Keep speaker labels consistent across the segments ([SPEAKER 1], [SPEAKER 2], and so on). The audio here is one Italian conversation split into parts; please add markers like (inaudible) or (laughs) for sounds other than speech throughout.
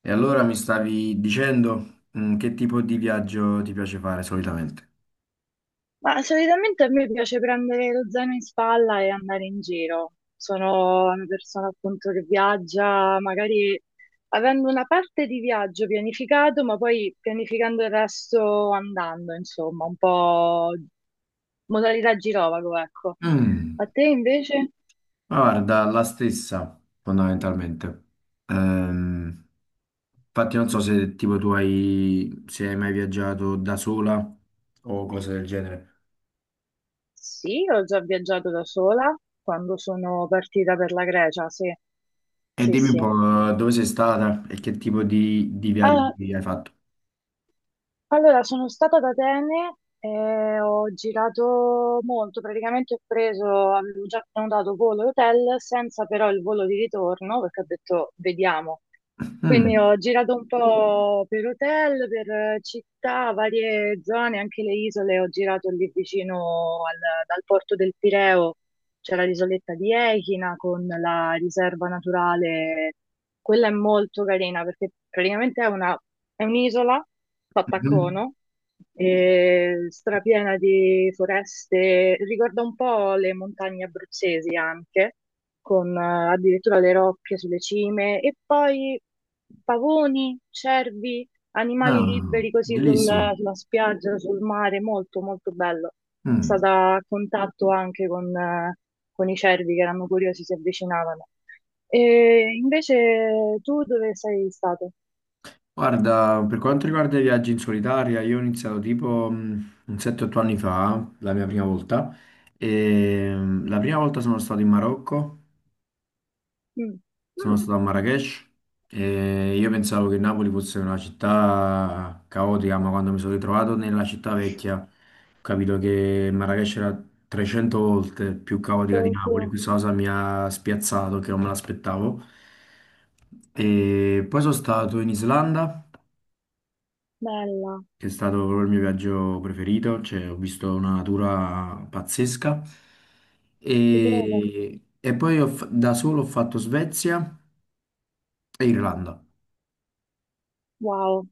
[SPEAKER 1] E allora mi stavi dicendo, che tipo di viaggio ti piace fare solitamente?
[SPEAKER 2] Ma solitamente a me piace prendere lo zaino in spalla e andare in giro. Sono una persona appunto che viaggia, magari avendo una parte di viaggio pianificato, ma poi pianificando il resto andando, insomma, un po' modalità girovago, ecco. A
[SPEAKER 1] Mm,
[SPEAKER 2] te invece?
[SPEAKER 1] ma guarda, la stessa, fondamentalmente. Ehm, Infatti non so se tipo tu hai, se hai mai viaggiato da sola o cose del genere.
[SPEAKER 2] Sì, ho già viaggiato da sola quando sono partita per la Grecia, sì,
[SPEAKER 1] E
[SPEAKER 2] sì,
[SPEAKER 1] dimmi un
[SPEAKER 2] sì.
[SPEAKER 1] po' dove sei stata e che tipo di viaggi hai fatto.
[SPEAKER 2] Allora, sono stata ad Atene e ho girato molto, praticamente ho preso, avevo già prenotato volo e hotel senza però il volo di ritorno, perché ho detto vediamo. Quindi
[SPEAKER 1] Mm,
[SPEAKER 2] ho girato un po' per hotel, per città, varie zone, anche le isole. Ho girato lì vicino dal porto del Pireo, c'era l'isoletta di Echina con la riserva naturale. Quella è molto carina perché praticamente è un'isola fatta a
[SPEAKER 1] mhm.
[SPEAKER 2] cono, e strapiena di foreste. Ricorda un po' le montagne abruzzesi anche con addirittura le rocce sulle cime, e poi pavoni, cervi, animali
[SPEAKER 1] Ah,
[SPEAKER 2] liberi così
[SPEAKER 1] bellissimo.
[SPEAKER 2] sulla spiaggia, sul mare, molto molto bello. È
[SPEAKER 1] Mm.
[SPEAKER 2] stata a contatto anche con i cervi che erano curiosi, si avvicinavano. E invece tu dove sei stato?
[SPEAKER 1] Guarda, per quanto riguarda i viaggi in solitaria, io ho iniziato tipo un 7-8 anni fa, la mia prima volta, e la prima volta sono stato in Marocco,
[SPEAKER 2] Mm.
[SPEAKER 1] sono
[SPEAKER 2] Mm.
[SPEAKER 1] stato a Marrakech e io pensavo che Napoli fosse una città caotica, ma quando mi sono ritrovato nella città vecchia ho capito che Marrakech era 300 volte più caotica di Napoli.
[SPEAKER 2] Tokyo,
[SPEAKER 1] Questa cosa mi ha spiazzato, che non me l'aspettavo. E poi sono stato in Islanda,
[SPEAKER 2] bella,
[SPEAKER 1] che è stato proprio il mio viaggio preferito, cioè ho visto una natura pazzesca
[SPEAKER 2] ti credo.
[SPEAKER 1] e poi da solo ho fatto Svezia e Irlanda.
[SPEAKER 2] Wow,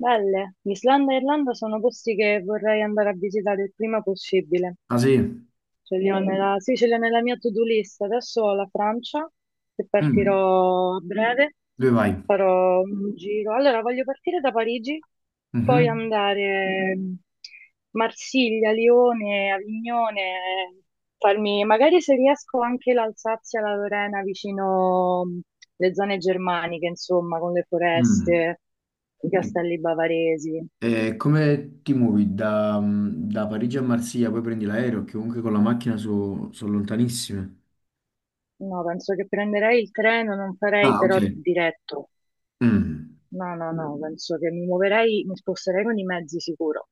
[SPEAKER 2] belle. Islanda e Irlanda sono posti che vorrei andare a visitare il prima possibile.
[SPEAKER 1] Ah sì?
[SPEAKER 2] Ce li ho nella, sì, ce li ho nella mia to-do list. Adesso ho la Francia, che
[SPEAKER 1] Mm.
[SPEAKER 2] partirò a breve,
[SPEAKER 1] Dove vai?
[SPEAKER 2] farò un giro. Allora, voglio partire da Parigi, poi
[SPEAKER 1] Mhm.
[SPEAKER 2] andare Marsiglia, Lione, Avignone, farmi magari se riesco anche l'Alsazia, la Lorena, vicino le zone germaniche, insomma, con le
[SPEAKER 1] Mm.
[SPEAKER 2] foreste, i castelli bavaresi.
[SPEAKER 1] E come ti muovi da Parigi a Marsiglia, poi prendi l'aereo, che comunque con la macchina sono lontanissime.
[SPEAKER 2] No, penso che prenderei il treno, non farei
[SPEAKER 1] Ah, ok.
[SPEAKER 2] però diretto.
[SPEAKER 1] Mm.
[SPEAKER 2] No, no, no, penso che mi muoverei, mi sposterei con i mezzi sicuro.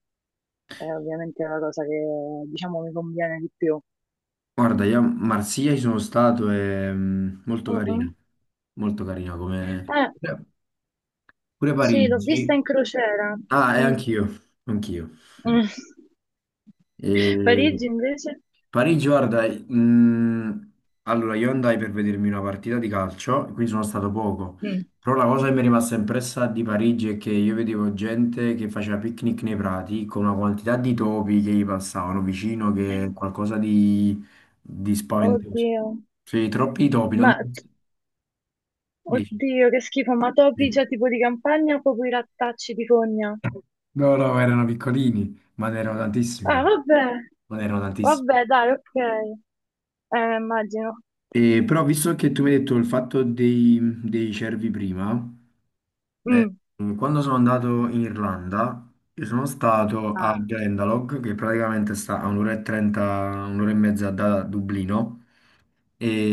[SPEAKER 2] È una cosa che, diciamo, mi conviene di più.
[SPEAKER 1] Guarda, io a Marsiglia ci sono stato, è
[SPEAKER 2] Mm, mm.
[SPEAKER 1] molto carina come.
[SPEAKER 2] Eh,
[SPEAKER 1] Pure
[SPEAKER 2] sì, l'ho vista
[SPEAKER 1] Parigi.
[SPEAKER 2] in crociera.
[SPEAKER 1] Ah, e
[SPEAKER 2] Mm,
[SPEAKER 1] anch'io, anch'io. Mm.
[SPEAKER 2] mm. (laughs)
[SPEAKER 1] E
[SPEAKER 2] Parigi invece?
[SPEAKER 1] Parigi, guarda, mm, allora io andai per vedermi una partita di calcio, quindi sono stato poco,
[SPEAKER 2] Mm.
[SPEAKER 1] però la cosa che mi è rimasta impressa di Parigi è che io vedevo gente che faceva picnic nei prati con una quantità di topi che gli passavano vicino, che è qualcosa di spaventoso.
[SPEAKER 2] Oddio.
[SPEAKER 1] Sì, troppi topi, non.
[SPEAKER 2] Ma, oddio, che schifo, ma topi
[SPEAKER 1] Sì.
[SPEAKER 2] c'è tipo di campagna o proprio i rattacci di fogna?
[SPEAKER 1] No, no, erano piccolini, ma ne erano tantissimi.
[SPEAKER 2] Ah, vabbè,
[SPEAKER 1] Ma ne erano tantissimi.
[SPEAKER 2] vabbè, dai, ok. Immagino.
[SPEAKER 1] E, però, visto che tu mi hai detto il fatto dei cervi prima, eh,
[SPEAKER 2] Mm.
[SPEAKER 1] quando sono andato in Irlanda, io sono stato a
[SPEAKER 2] Ah.
[SPEAKER 1] Glendalough, che praticamente sta a un'ora e trenta, un'ora e mezza da Dublino.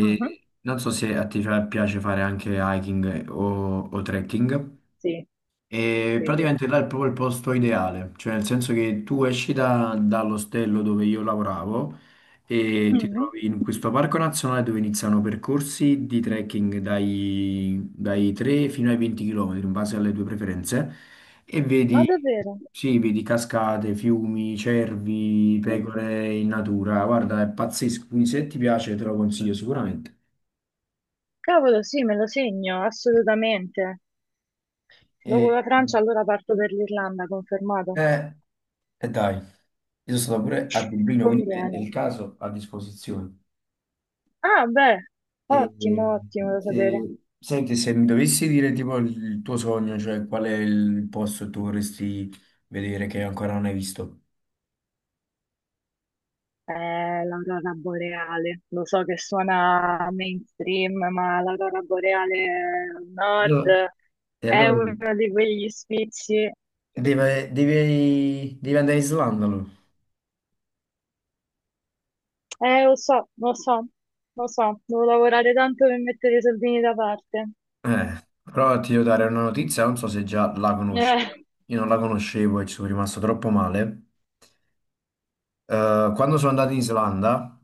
[SPEAKER 2] Mhm.
[SPEAKER 1] non so se a te piace fare anche hiking o trekking.
[SPEAKER 2] Sì,
[SPEAKER 1] E
[SPEAKER 2] sì, sì.
[SPEAKER 1] praticamente là è proprio il posto ideale, cioè nel senso che tu esci dall'ostello dove io lavoravo e ti
[SPEAKER 2] Mm.
[SPEAKER 1] trovi in questo parco nazionale dove iniziano percorsi di trekking dai 3 fino ai 20 km in base alle tue preferenze e
[SPEAKER 2] Ma
[SPEAKER 1] vedi,
[SPEAKER 2] davvero?
[SPEAKER 1] sì, vedi cascate, fiumi, cervi,
[SPEAKER 2] Mm.
[SPEAKER 1] pecore in natura, guarda, è pazzesco, quindi se ti piace te lo consiglio sicuramente.
[SPEAKER 2] Cavolo, sì, me lo segno, assolutamente. Dopo
[SPEAKER 1] E,
[SPEAKER 2] la Francia allora parto per l'Irlanda, confermato.
[SPEAKER 1] eh, e dai. Io sono stato pure a Dublino, quindi
[SPEAKER 2] Conviene.
[SPEAKER 1] nel caso a disposizione.
[SPEAKER 2] Ah, beh,
[SPEAKER 1] E, e,
[SPEAKER 2] ottimo, ottimo da sapere.
[SPEAKER 1] Senti, se mi dovessi dire tipo il tuo sogno, cioè qual è il posto che tu vorresti vedere che ancora non hai visto?
[SPEAKER 2] L'aurora boreale, lo so che suona mainstream, ma l'aurora boreale al nord
[SPEAKER 1] Allora- E
[SPEAKER 2] è
[SPEAKER 1] allora
[SPEAKER 2] uno di quegli sfizi.
[SPEAKER 1] devi andare in Islanda, allora.
[SPEAKER 2] Lo so, lo so, lo so, devo lavorare tanto per mettere i soldini da parte.
[SPEAKER 1] Però ti devo dare una notizia, non so se già la conosci.
[SPEAKER 2] Eh.
[SPEAKER 1] Io non la conoscevo e ci sono rimasto troppo male. Quando sono andato in Islanda,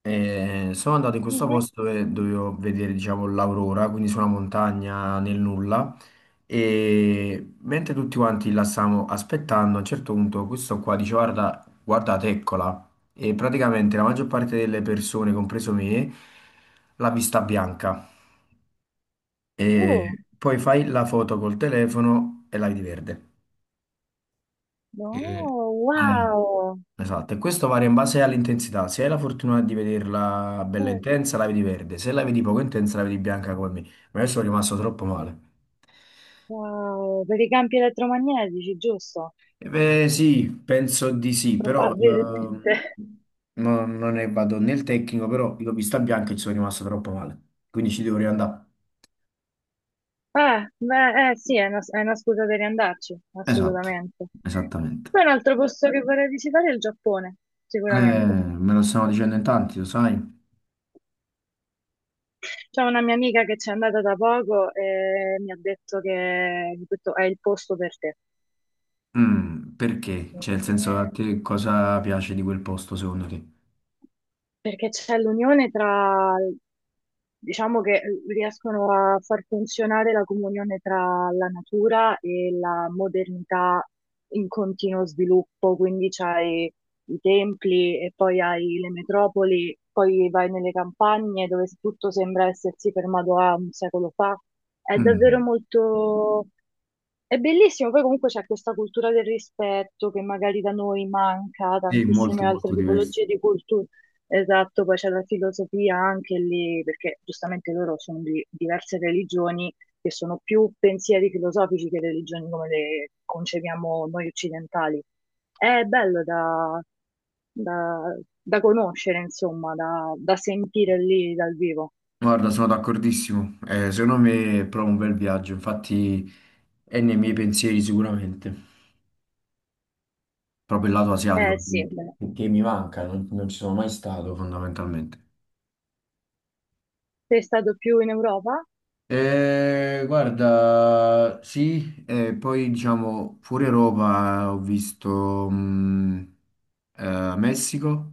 [SPEAKER 1] sono andato in questo
[SPEAKER 2] Mhm.
[SPEAKER 1] posto dove dovevo vedere, diciamo, l'aurora, quindi su una montagna nel nulla. E mentre tutti quanti la stavamo aspettando, a un certo punto questo qua dice: guarda, guardate, eccola. E praticamente la maggior parte delle persone, compreso me, l'ha vista bianca. E
[SPEAKER 2] Oh,
[SPEAKER 1] poi fai la foto col telefono e la vedi verde.
[SPEAKER 2] no,
[SPEAKER 1] E- eh,
[SPEAKER 2] wow.
[SPEAKER 1] Esatto, e questo varia in base all'intensità. Se hai la fortuna di vederla bella
[SPEAKER 2] Eh,
[SPEAKER 1] intensa, la vedi verde. Se la vedi poco intensa, la vedi bianca come me. Ma io sono rimasto troppo male.
[SPEAKER 2] wow, per i campi elettromagnetici, giusto?
[SPEAKER 1] Eh beh, sì, penso di sì, però
[SPEAKER 2] Probabilmente.
[SPEAKER 1] non ne vado nel tecnico, però l'ho vista bianca e ci sono rimasto troppo male. Quindi ci devo riandare.
[SPEAKER 2] Ah, beh, sì, è una scusa per andarci,
[SPEAKER 1] Esatto,
[SPEAKER 2] assolutamente.
[SPEAKER 1] esattamente.
[SPEAKER 2] Poi un altro posto che vorrei visitare è il Giappone,
[SPEAKER 1] Eh,
[SPEAKER 2] sicuramente.
[SPEAKER 1] me lo stanno dicendo in tanti, lo sai?
[SPEAKER 2] C'è una mia amica che c'è andata da poco e mi ha detto che questo è il posto per te.
[SPEAKER 1] Perché? Cioè, nel senso, a te cosa piace di quel posto, secondo te?
[SPEAKER 2] Perché c'è l'unione tra, diciamo che riescono a far funzionare la comunione tra la natura e la modernità in continuo sviluppo, quindi c'hai i templi e poi hai le metropoli, poi vai nelle campagne dove tutto sembra essersi fermato a un secolo fa. È davvero
[SPEAKER 1] Mm.
[SPEAKER 2] molto... È bellissimo, poi comunque c'è questa cultura del rispetto che magari da noi manca,
[SPEAKER 1] Sì,
[SPEAKER 2] tantissime
[SPEAKER 1] molto
[SPEAKER 2] altre
[SPEAKER 1] molto diverso.
[SPEAKER 2] tipologie di cultura. Esatto, poi c'è la filosofia anche lì, perché giustamente loro sono di diverse religioni che sono più pensieri filosofici che religioni come le concepiamo noi occidentali. È bello da conoscere, insomma, da sentire lì dal vivo.
[SPEAKER 1] Guarda, sono d'accordissimo. Secondo me è proprio un bel viaggio, infatti è nei miei pensieri sicuramente, proprio il lato asiatico,
[SPEAKER 2] Eh sì,
[SPEAKER 1] che
[SPEAKER 2] beh.
[SPEAKER 1] che mi manca, non ci sono mai stato fondamentalmente.
[SPEAKER 2] Sei stato più in Europa?
[SPEAKER 1] Guarda, sì, poi diciamo fuori Europa ho visto Messico,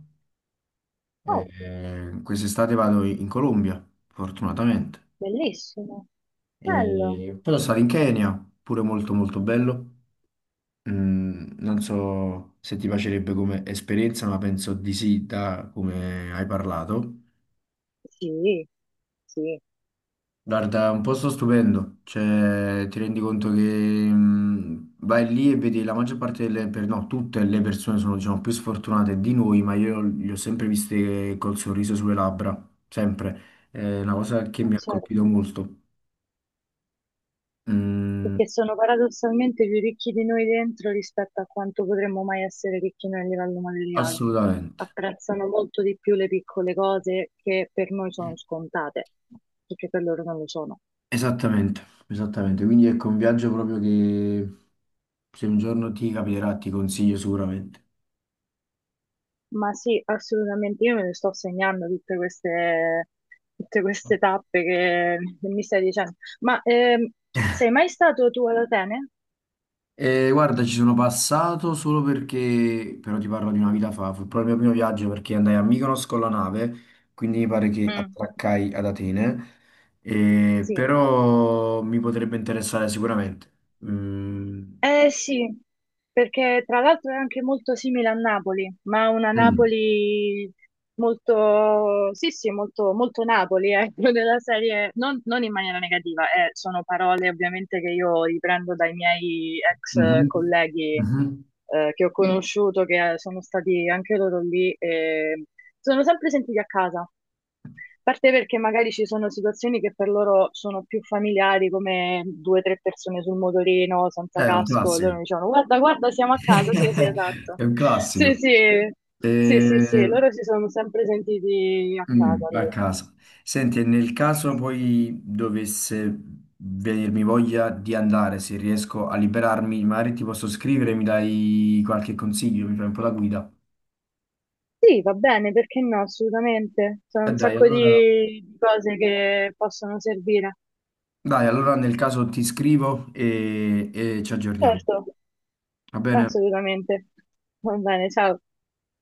[SPEAKER 2] Oh,
[SPEAKER 1] quest'estate vado in Colombia, fortunatamente.
[SPEAKER 2] bellissimo. Bello.
[SPEAKER 1] E poi sono stato in Kenya, pure molto molto bello. Non so se ti piacerebbe come esperienza, ma penso di sì, da come hai parlato.
[SPEAKER 2] Sì, sì.
[SPEAKER 1] Guarda, è un posto stupendo, cioè ti rendi conto che vai lì e vedi la maggior parte delle, no, tutte le persone sono diciamo più sfortunate di noi, ma io li ho sempre viste col sorriso sulle labbra, sempre. È una cosa che
[SPEAKER 2] Ma
[SPEAKER 1] mi ha colpito
[SPEAKER 2] certo.
[SPEAKER 1] molto. Mm,
[SPEAKER 2] Perché sono paradossalmente più ricchi di noi dentro rispetto a quanto potremmo mai essere ricchi noi a livello materiale.
[SPEAKER 1] Assolutamente.
[SPEAKER 2] Apprezzano molto di più le piccole cose che per noi sono scontate, perché per loro non lo sono.
[SPEAKER 1] Esattamente, esattamente. Quindi ecco un viaggio proprio che se un giorno ti capiterà, ti consiglio sicuramente.
[SPEAKER 2] Ma sì, assolutamente, io me ne sto segnando tutte queste tappe che mi stai dicendo. Ma sei mai stato tu ad Atene?
[SPEAKER 1] E guarda, ci sono passato solo perché, però ti parlo di una vita fa, fu proprio il mio primo viaggio perché andai a Mykonos con la nave, quindi mi pare che
[SPEAKER 2] Mm.
[SPEAKER 1] attraccai ad Atene,
[SPEAKER 2] Sì,
[SPEAKER 1] però mi potrebbe interessare sicuramente. Mm.
[SPEAKER 2] eh sì, perché tra l'altro è anche molto simile a Napoli, ma una
[SPEAKER 1] Mm.
[SPEAKER 2] Napoli molto, sì sì, molto, molto Napoli, ecco, (laughs) della serie, non in maniera negativa, sono parole ovviamente che io riprendo dai miei ex
[SPEAKER 1] Mhm.
[SPEAKER 2] colleghi
[SPEAKER 1] Mhm.
[SPEAKER 2] che ho conosciuto, che sono stati anche loro lì, e sono sempre sentiti a casa parte perché magari ci sono situazioni che per loro sono più familiari, come due o tre persone sul motorino senza
[SPEAKER 1] È un
[SPEAKER 2] casco, e loro
[SPEAKER 1] classico.
[SPEAKER 2] mi dicevano guarda, guarda, siamo a casa, sì, sì,
[SPEAKER 1] (laughs)
[SPEAKER 2] esatto.
[SPEAKER 1] È un
[SPEAKER 2] Sì,
[SPEAKER 1] classico.
[SPEAKER 2] sì, sì, sì, sì,
[SPEAKER 1] Eh,
[SPEAKER 2] loro si sono sempre sentiti a casa
[SPEAKER 1] A
[SPEAKER 2] lì.
[SPEAKER 1] casa. Senti, e nel caso poi dovesse venirmi voglia di andare, se riesco a liberarmi, magari ti posso scrivere, mi dai qualche consiglio, mi fai un po' la guida.
[SPEAKER 2] Sì, va bene, perché no, assolutamente. Sono
[SPEAKER 1] E
[SPEAKER 2] un sacco di cose che possono servire.
[SPEAKER 1] dai, allora nel caso ti scrivo e e ci aggiorniamo.
[SPEAKER 2] Certo,
[SPEAKER 1] Va bene?
[SPEAKER 2] assolutamente. Va bene, ciao.